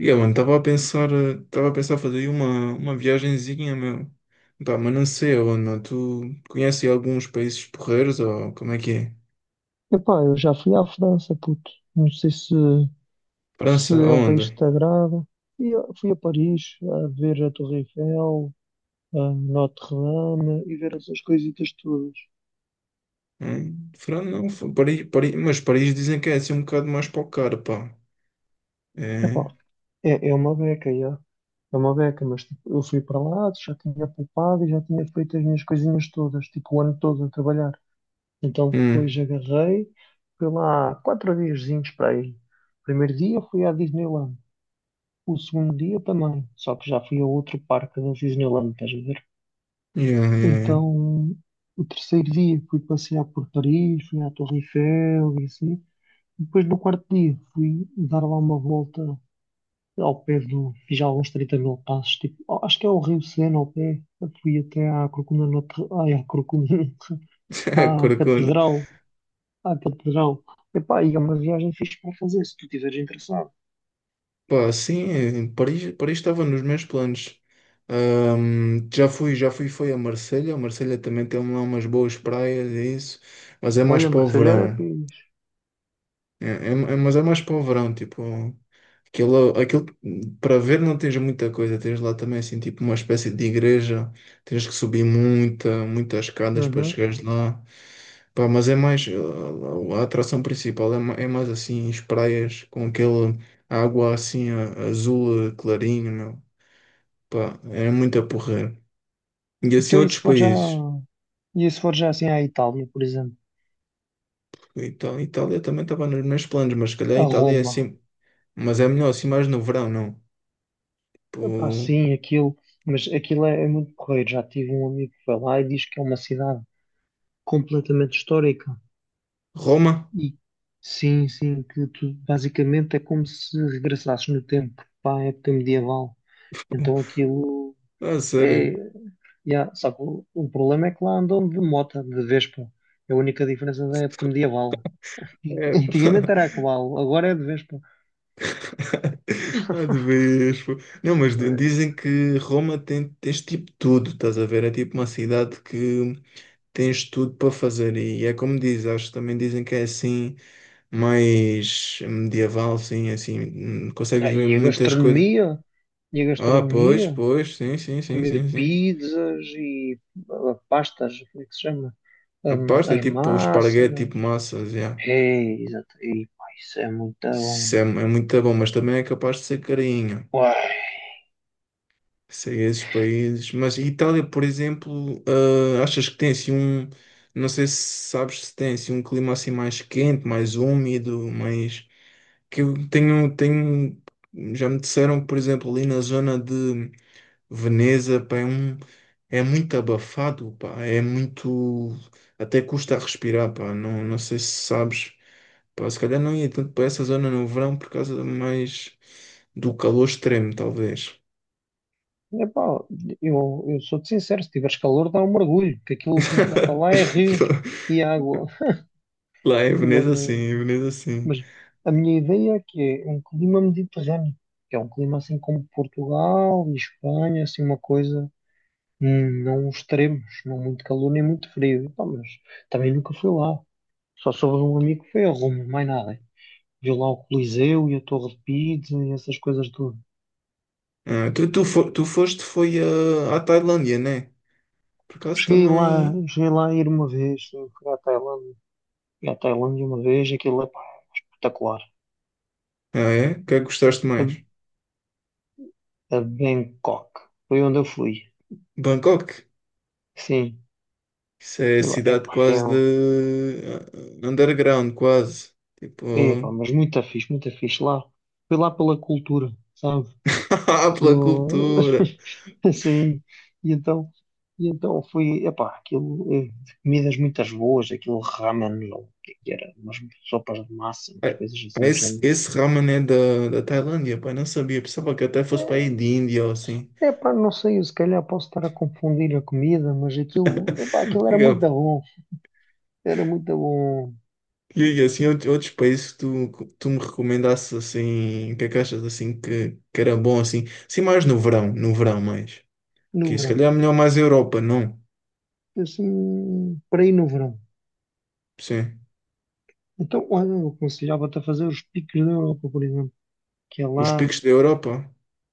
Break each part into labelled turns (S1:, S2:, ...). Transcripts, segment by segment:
S1: Yeah, mano, estava a pensar, estava a pensar fazer aí uma viagenzinha, meu. Pá, mas não sei aonde, meu. Tu conheces alguns países porreiros ou como é que é?
S2: Epá, eu já fui à França, puto. Não sei se, se
S1: França,
S2: é um país que
S1: aonde?
S2: te agrada. Fui a Paris a ver a Torre Eiffel, a Notre-Dame e ver essas coisitas todas.
S1: Hum? França, não, Paris, Paris, mas Paris dizem que é assim um bocado mais para o cara, pá.
S2: Epá,
S1: É.
S2: é, é uma beca, já. É uma beca, mas tipo, eu fui para lá, já tinha poupado e já tinha feito as minhas coisinhas todas, tipo o ano todo a trabalhar. Então depois
S1: Hum.
S2: agarrei, fui lá quatro diazinhos para aí. Primeiro dia fui à Disneyland. O segundo dia também, só que já fui a outro parque da Disneyland, estás a ver?
S1: Yeah, yeah,
S2: Então, o terceiro dia fui passear por Paris, fui à Torre Eiffel e assim. Depois, no quarto dia, fui dar lá uma volta ao pé do. Fiz alguns 30 mil passos, tipo, ó, acho que é o Rio Sena ao pé. Eu fui até à Corcunda Notre. Ai, à Corcunda Notre.
S1: yeah.
S2: À
S1: Corcunda.
S2: Catedral. À Catedral. Epá, e é uma viagem fixe para fazer, se tu estiveres interessado.
S1: Pá, sim, é, Paris, Paris estava nos meus planos. Já fui, foi a Marselha. A Marselha também tem lá umas boas praias, é isso. Mas é mais
S2: Olha,
S1: para o
S2: Marselha era
S1: verão.
S2: fixe.
S1: Mas é mais povrão, tipo, aquilo para ver não tens muita coisa, tens lá também assim, tipo, uma espécie de igreja, tens que subir muitas escadas para
S2: Uhum.
S1: chegares lá. Pá, mas é mais, a atração principal é, é mais assim, as praias com aquele água assim azul clarinho, meu. Pá, é muito a porrer. E assim
S2: Então,
S1: outros
S2: isso já.
S1: países.
S2: E se for já assim à Itália, por exemplo,
S1: Itália também estava nos meus planos, mas se calhar
S2: a
S1: a Itália é assim,
S2: Roma,
S1: mas é melhor assim mais no verão, não?
S2: epá, sim, aquilo, mas aquilo é, é muito correio. Já tive um amigo que foi lá e diz que é uma cidade completamente histórica.
S1: Roma?
S2: E sim, sim, que tu basicamente é como se regressasses no tempo para a época medieval. Então aquilo
S1: Ah,
S2: é.
S1: sério?
S2: Yeah, só que o problema é que lá andam de mota, de Vespa. É a única diferença da época medieval.
S1: É.
S2: Antigamente era a cavalo, agora é de Vespa.
S1: Ah, de vez. Pô. Não, mas dizem que Roma tem, tens tipo tudo, estás a ver? É tipo uma cidade que tens tudo para fazer e é como diz, acho que também dizem que é assim, mais medieval, sim, assim, consegues
S2: Ah,
S1: ver
S2: e a
S1: muitas coisas.
S2: gastronomia? E a
S1: Ah, pois,
S2: gastronomia?
S1: pois, sim, sim, sim,
S2: Comer
S1: sim, sim.
S2: pizzas e ah, pastas, como é que se chama?
S1: A pasta é
S2: As
S1: tipo esparguete,
S2: massas.
S1: tipo massas, já.
S2: É, exato. E, pá, isso é muito bom.
S1: Isso é, é muito bom, mas também é capaz de ser carinho.
S2: Uai.
S1: Sei esses países, mas Itália, por exemplo, ah, achas que tem assim um, não sei se sabes se tem assim um clima assim mais quente, mais úmido, mais que eu tenho, tenho, já me disseram, por exemplo, ali na zona de Veneza, pá, é um, é muito abafado, pá, é muito, até custa a respirar, pá, não, não sei se sabes, pá, se calhar não ia tanto para essa zona no verão por causa mais do calor extremo, talvez.
S2: Epá, eu sou-te sincero, se tiveres calor dá um mergulho, que aquilo que me falta lá é rios e água.
S1: Lá em
S2: Mas,
S1: Veneza, sim, em Veneza, sim.
S2: mas a minha ideia é que é um clima mediterrâneo, que é um clima assim como Portugal e Espanha, assim uma coisa. Não extremos, não muito calor nem muito frio. Pá, mas também nunca fui lá. Só soube de um amigo que foi a Roma, mais nada. Viu lá o Coliseu e a Torre de Pisa e essas coisas tudo.
S1: Ah, tu foste foi ah, à Tailândia, né? Por acaso também.
S2: Cheguei lá a ir uma vez, sim, fui à Tailândia. Fui à Tailândia uma vez, aquilo é pá, espetacular.
S1: Ah, é? O que é que gostaste
S2: A,
S1: mais?
S2: a Bangkok, foi onde eu fui.
S1: Bangkok.
S2: Sim,
S1: Isso é
S2: fui lá.
S1: cidade
S2: Epá,
S1: quase de ah, underground, quase. Tipo,
S2: epá, mas muito fixe lá. Fui lá pela cultura, sabe?
S1: ah,
S2: Que
S1: pela
S2: eu
S1: cultura.
S2: assim, e então, e então fui, epá, aquilo, comidas muitas boas, aquilo ramen, ou o que é que era, umas sopas de massa, umas
S1: Ah,
S2: coisas assim do género.
S1: Esse ramen é da Tailândia, pai, não sabia. Pensava que até fosse para
S2: Eh,
S1: aí de Índia ou assim.
S2: Epá, não sei, eu se calhar posso estar a confundir a comida, mas aquilo, epá, aquilo era muito da bom, era muito da bom
S1: E assim, outros países que tu, tu me recomendasses assim, que é que achas assim que era bom assim? Sim, mais no verão, no verão mais.
S2: no
S1: Que se
S2: verão,
S1: calhar é melhor mais a Europa, não?
S2: assim, para ir no verão.
S1: Sim.
S2: Então, olha, eu aconselhava-te a fazer os picos da Europa, por exemplo, que é
S1: Os
S2: lá.
S1: picos da Europa.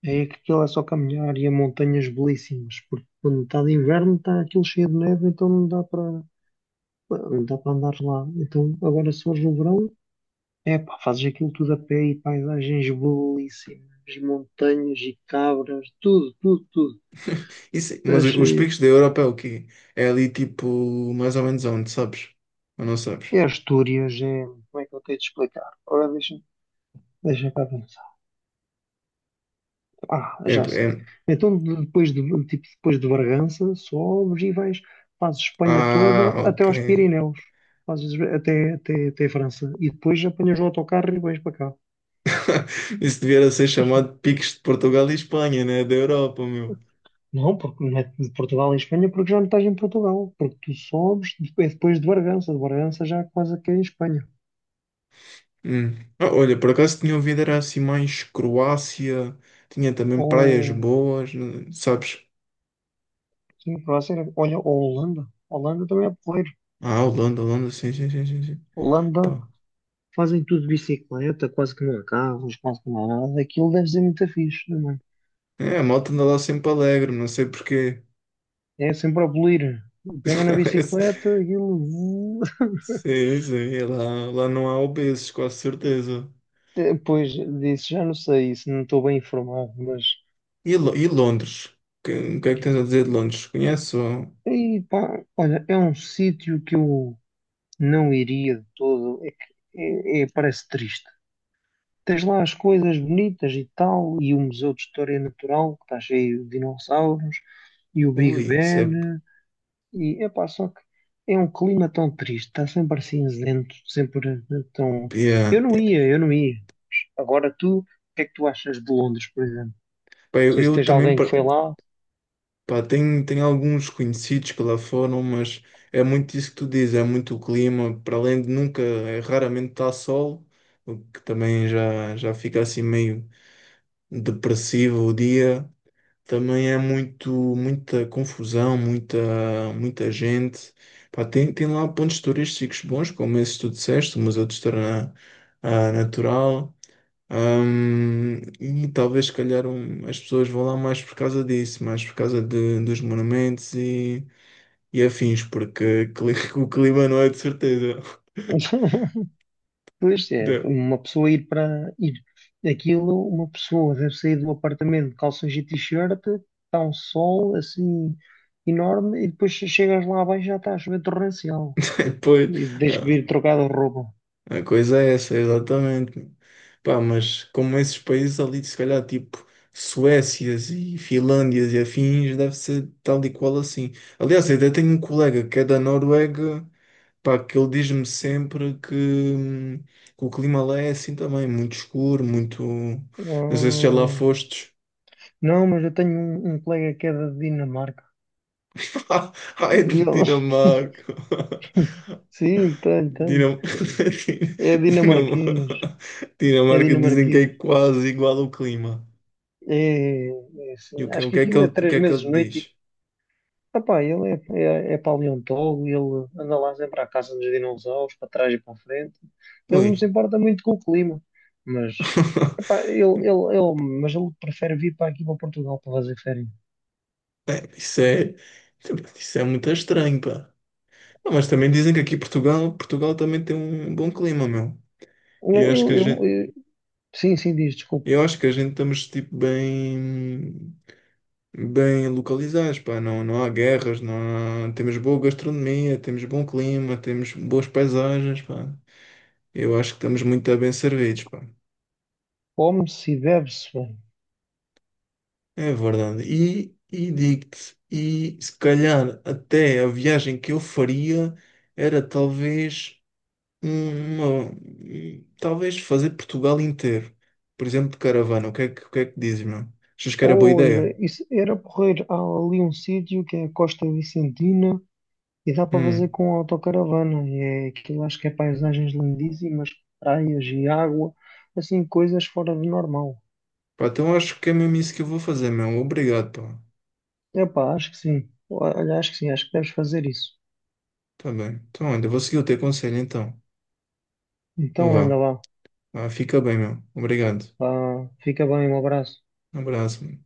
S2: É que aquilo é só caminhar e há montanhas belíssimas, porque quando está de inverno está aquilo cheio de neve, então não dá para andar lá. Então agora se fores no verão, é pá, fazes aquilo tudo a pé e paisagens belíssimas, montanhas e cabras, tudo, tudo, tudo.
S1: Isso, mas os
S2: Achei.
S1: picos da Europa é o quê? É ali tipo, mais ou menos onde, sabes? Ou não sabes?
S2: É Astúrias, é. Como é que eu tenho de explicar? Agora deixa, deixa cá ver. Ah,
S1: É,
S2: já sei.
S1: é...
S2: Então depois de, tipo, depois de Bargança, sobes e vais, fazes Espanha
S1: Ah,
S2: toda até
S1: ok.
S2: aos Pirineus, fazes até França e depois apanhas o autocarro e vais para cá.
S1: Isso devia ser chamado picos de Portugal e Espanha, né? Da Europa, meu.
S2: Não, porque não é de Portugal em Espanha, porque já não estás em Portugal, porque tu sobes depois, depois de Bargança já é quase que é em Espanha.
S1: Hum. Ah, olha, por acaso tinha ouvido, era assim mais Croácia, tinha também praias
S2: Ou,
S1: boas, né, sabes?
S2: sim, para ser, olha, ou Holanda. Holanda também é porreiro.
S1: Ah, Holanda, Holanda, sim, sim, sim, sim, sim.
S2: Holanda
S1: Pá.
S2: fazem tudo de bicicleta, quase que não há carros, quase que não há nada. Aquilo deve ser muito fixe, também.
S1: É, a malta anda lá sempre alegre, não sei porquê.
S2: É sempre a bolir. Pegam na bicicleta, aquilo.
S1: Sim, sim, é lá, lá não há obesos, com certeza.
S2: Depois disso, já não sei se não estou bem informado, mas.
S1: E, e Londres? O que é que tens a dizer de Londres? Conheço?
S2: E, pá, olha, é um sítio que eu não iria de todo. É que parece triste. Tens lá as coisas bonitas e tal, e o Museu de História Natural, que está cheio de dinossauros, e o Big
S1: Ui, isso é...
S2: Ben, e é pá, só que é um clima tão triste, está sempre cinzento, sempre tão. Eu
S1: Yeah,
S2: não
S1: yeah.
S2: ia, eu não ia. Agora tu, o que é que tu achas de Londres, por exemplo?
S1: Pá,
S2: Não sei se
S1: eu
S2: tens
S1: também.
S2: alguém que foi lá.
S1: Pá, tem, tem alguns conhecidos que lá foram, mas é muito isso que tu dizes, é muito o clima, para além de nunca, é, raramente está sol, o que também já fica assim meio depressivo o dia, também é muito, muita confusão, muita, muita gente. Pá, tem, tem lá pontos turísticos bons, como esses que tu disseste, o Museu de História ah, Natural. E talvez, se calhar, as pessoas vão lá mais por causa disso, mais por causa dos monumentos e afins, porque o clima não é de certeza.
S2: Pois é,
S1: De-
S2: uma pessoa ir para ir aquilo, uma pessoa deve sair do apartamento de calções e t-shirt, está um sol assim enorme e depois chegas lá abaixo e já está a chover torrencial.
S1: Depois,
S2: E tens que
S1: ah,
S2: vir trocar de roupa.
S1: a coisa é essa, exatamente. Pá, mas como esses países ali, se calhar, tipo Suécias e Finlândias e afins, deve ser tal e qual assim. Aliás, eu até tenho um colega que é da Noruega. Pá, que ele diz-me sempre que o clima lá é assim também, muito escuro, muito. Não sei se já lá
S2: Hum,
S1: fostes.
S2: não, mas eu tenho um colega que é da Dinamarca.
S1: Ai,
S2: E ele-
S1: Dinamarca!
S2: Sim, tenho, tenho.
S1: Dinam...
S2: É
S1: Dinam...
S2: dinamarquês. É
S1: Dinamarca dizem que é
S2: dinamarquês.
S1: quase igual ao clima.
S2: É, é
S1: E
S2: assim, acho
S1: o
S2: que
S1: que é que
S2: aquilo é
S1: ele, o
S2: três
S1: que é que
S2: meses de
S1: ele diz?
S2: noite e opá, ele é, é paleontólogo, ele anda lá a sempre à caça dos dinossauros, para trás e para a frente. Ele não se
S1: Ui.
S2: importa muito com o clima, mas, epá, ele, mas ele prefere vir para aqui para Portugal para fazer férias.
S1: É, isso é muito estranho, pá. Não, mas também dizem que aqui Portugal, Portugal também tem um bom clima, meu. E acho que
S2: Eu, eu- eu- sim, sim, diz, desculpa.
S1: Eu acho que a gente estamos tipo bem bem localizados, pá, não, não há guerras, não há- temos boa gastronomia, temos bom clima, temos boas paisagens, pá. Eu acho que estamos muito bem servidos, pá.
S2: Come-se e bebe-se bem.
S1: É verdade. E digo-te, e se calhar até a viagem que eu faria era talvez uma, talvez fazer Portugal inteiro. Por exemplo, de caravana. O que é que dizes, meu? Achas que era boa ideia?
S2: Olha, isso era porreiro. Há ali um sítio que é a Costa Vicentina e dá para fazer
S1: Hum.
S2: com autocaravana. E é aquilo, acho que é paisagens lindíssimas, praias e água, assim, coisas fora do normal.
S1: Pá, então eu acho que é mesmo isso que eu vou fazer, meu. Obrigado, pá.
S2: Epá, acho que sim. Olha, acho que sim, acho que deves fazer isso.
S1: Tá bem. Então, olha, eu vou seguir o teu conselho, então. Então
S2: Então anda
S1: vá.
S2: lá.
S1: Vá, fica bem, meu. Obrigado.
S2: Vá, fica bem, um abraço.
S1: Um abraço, meu.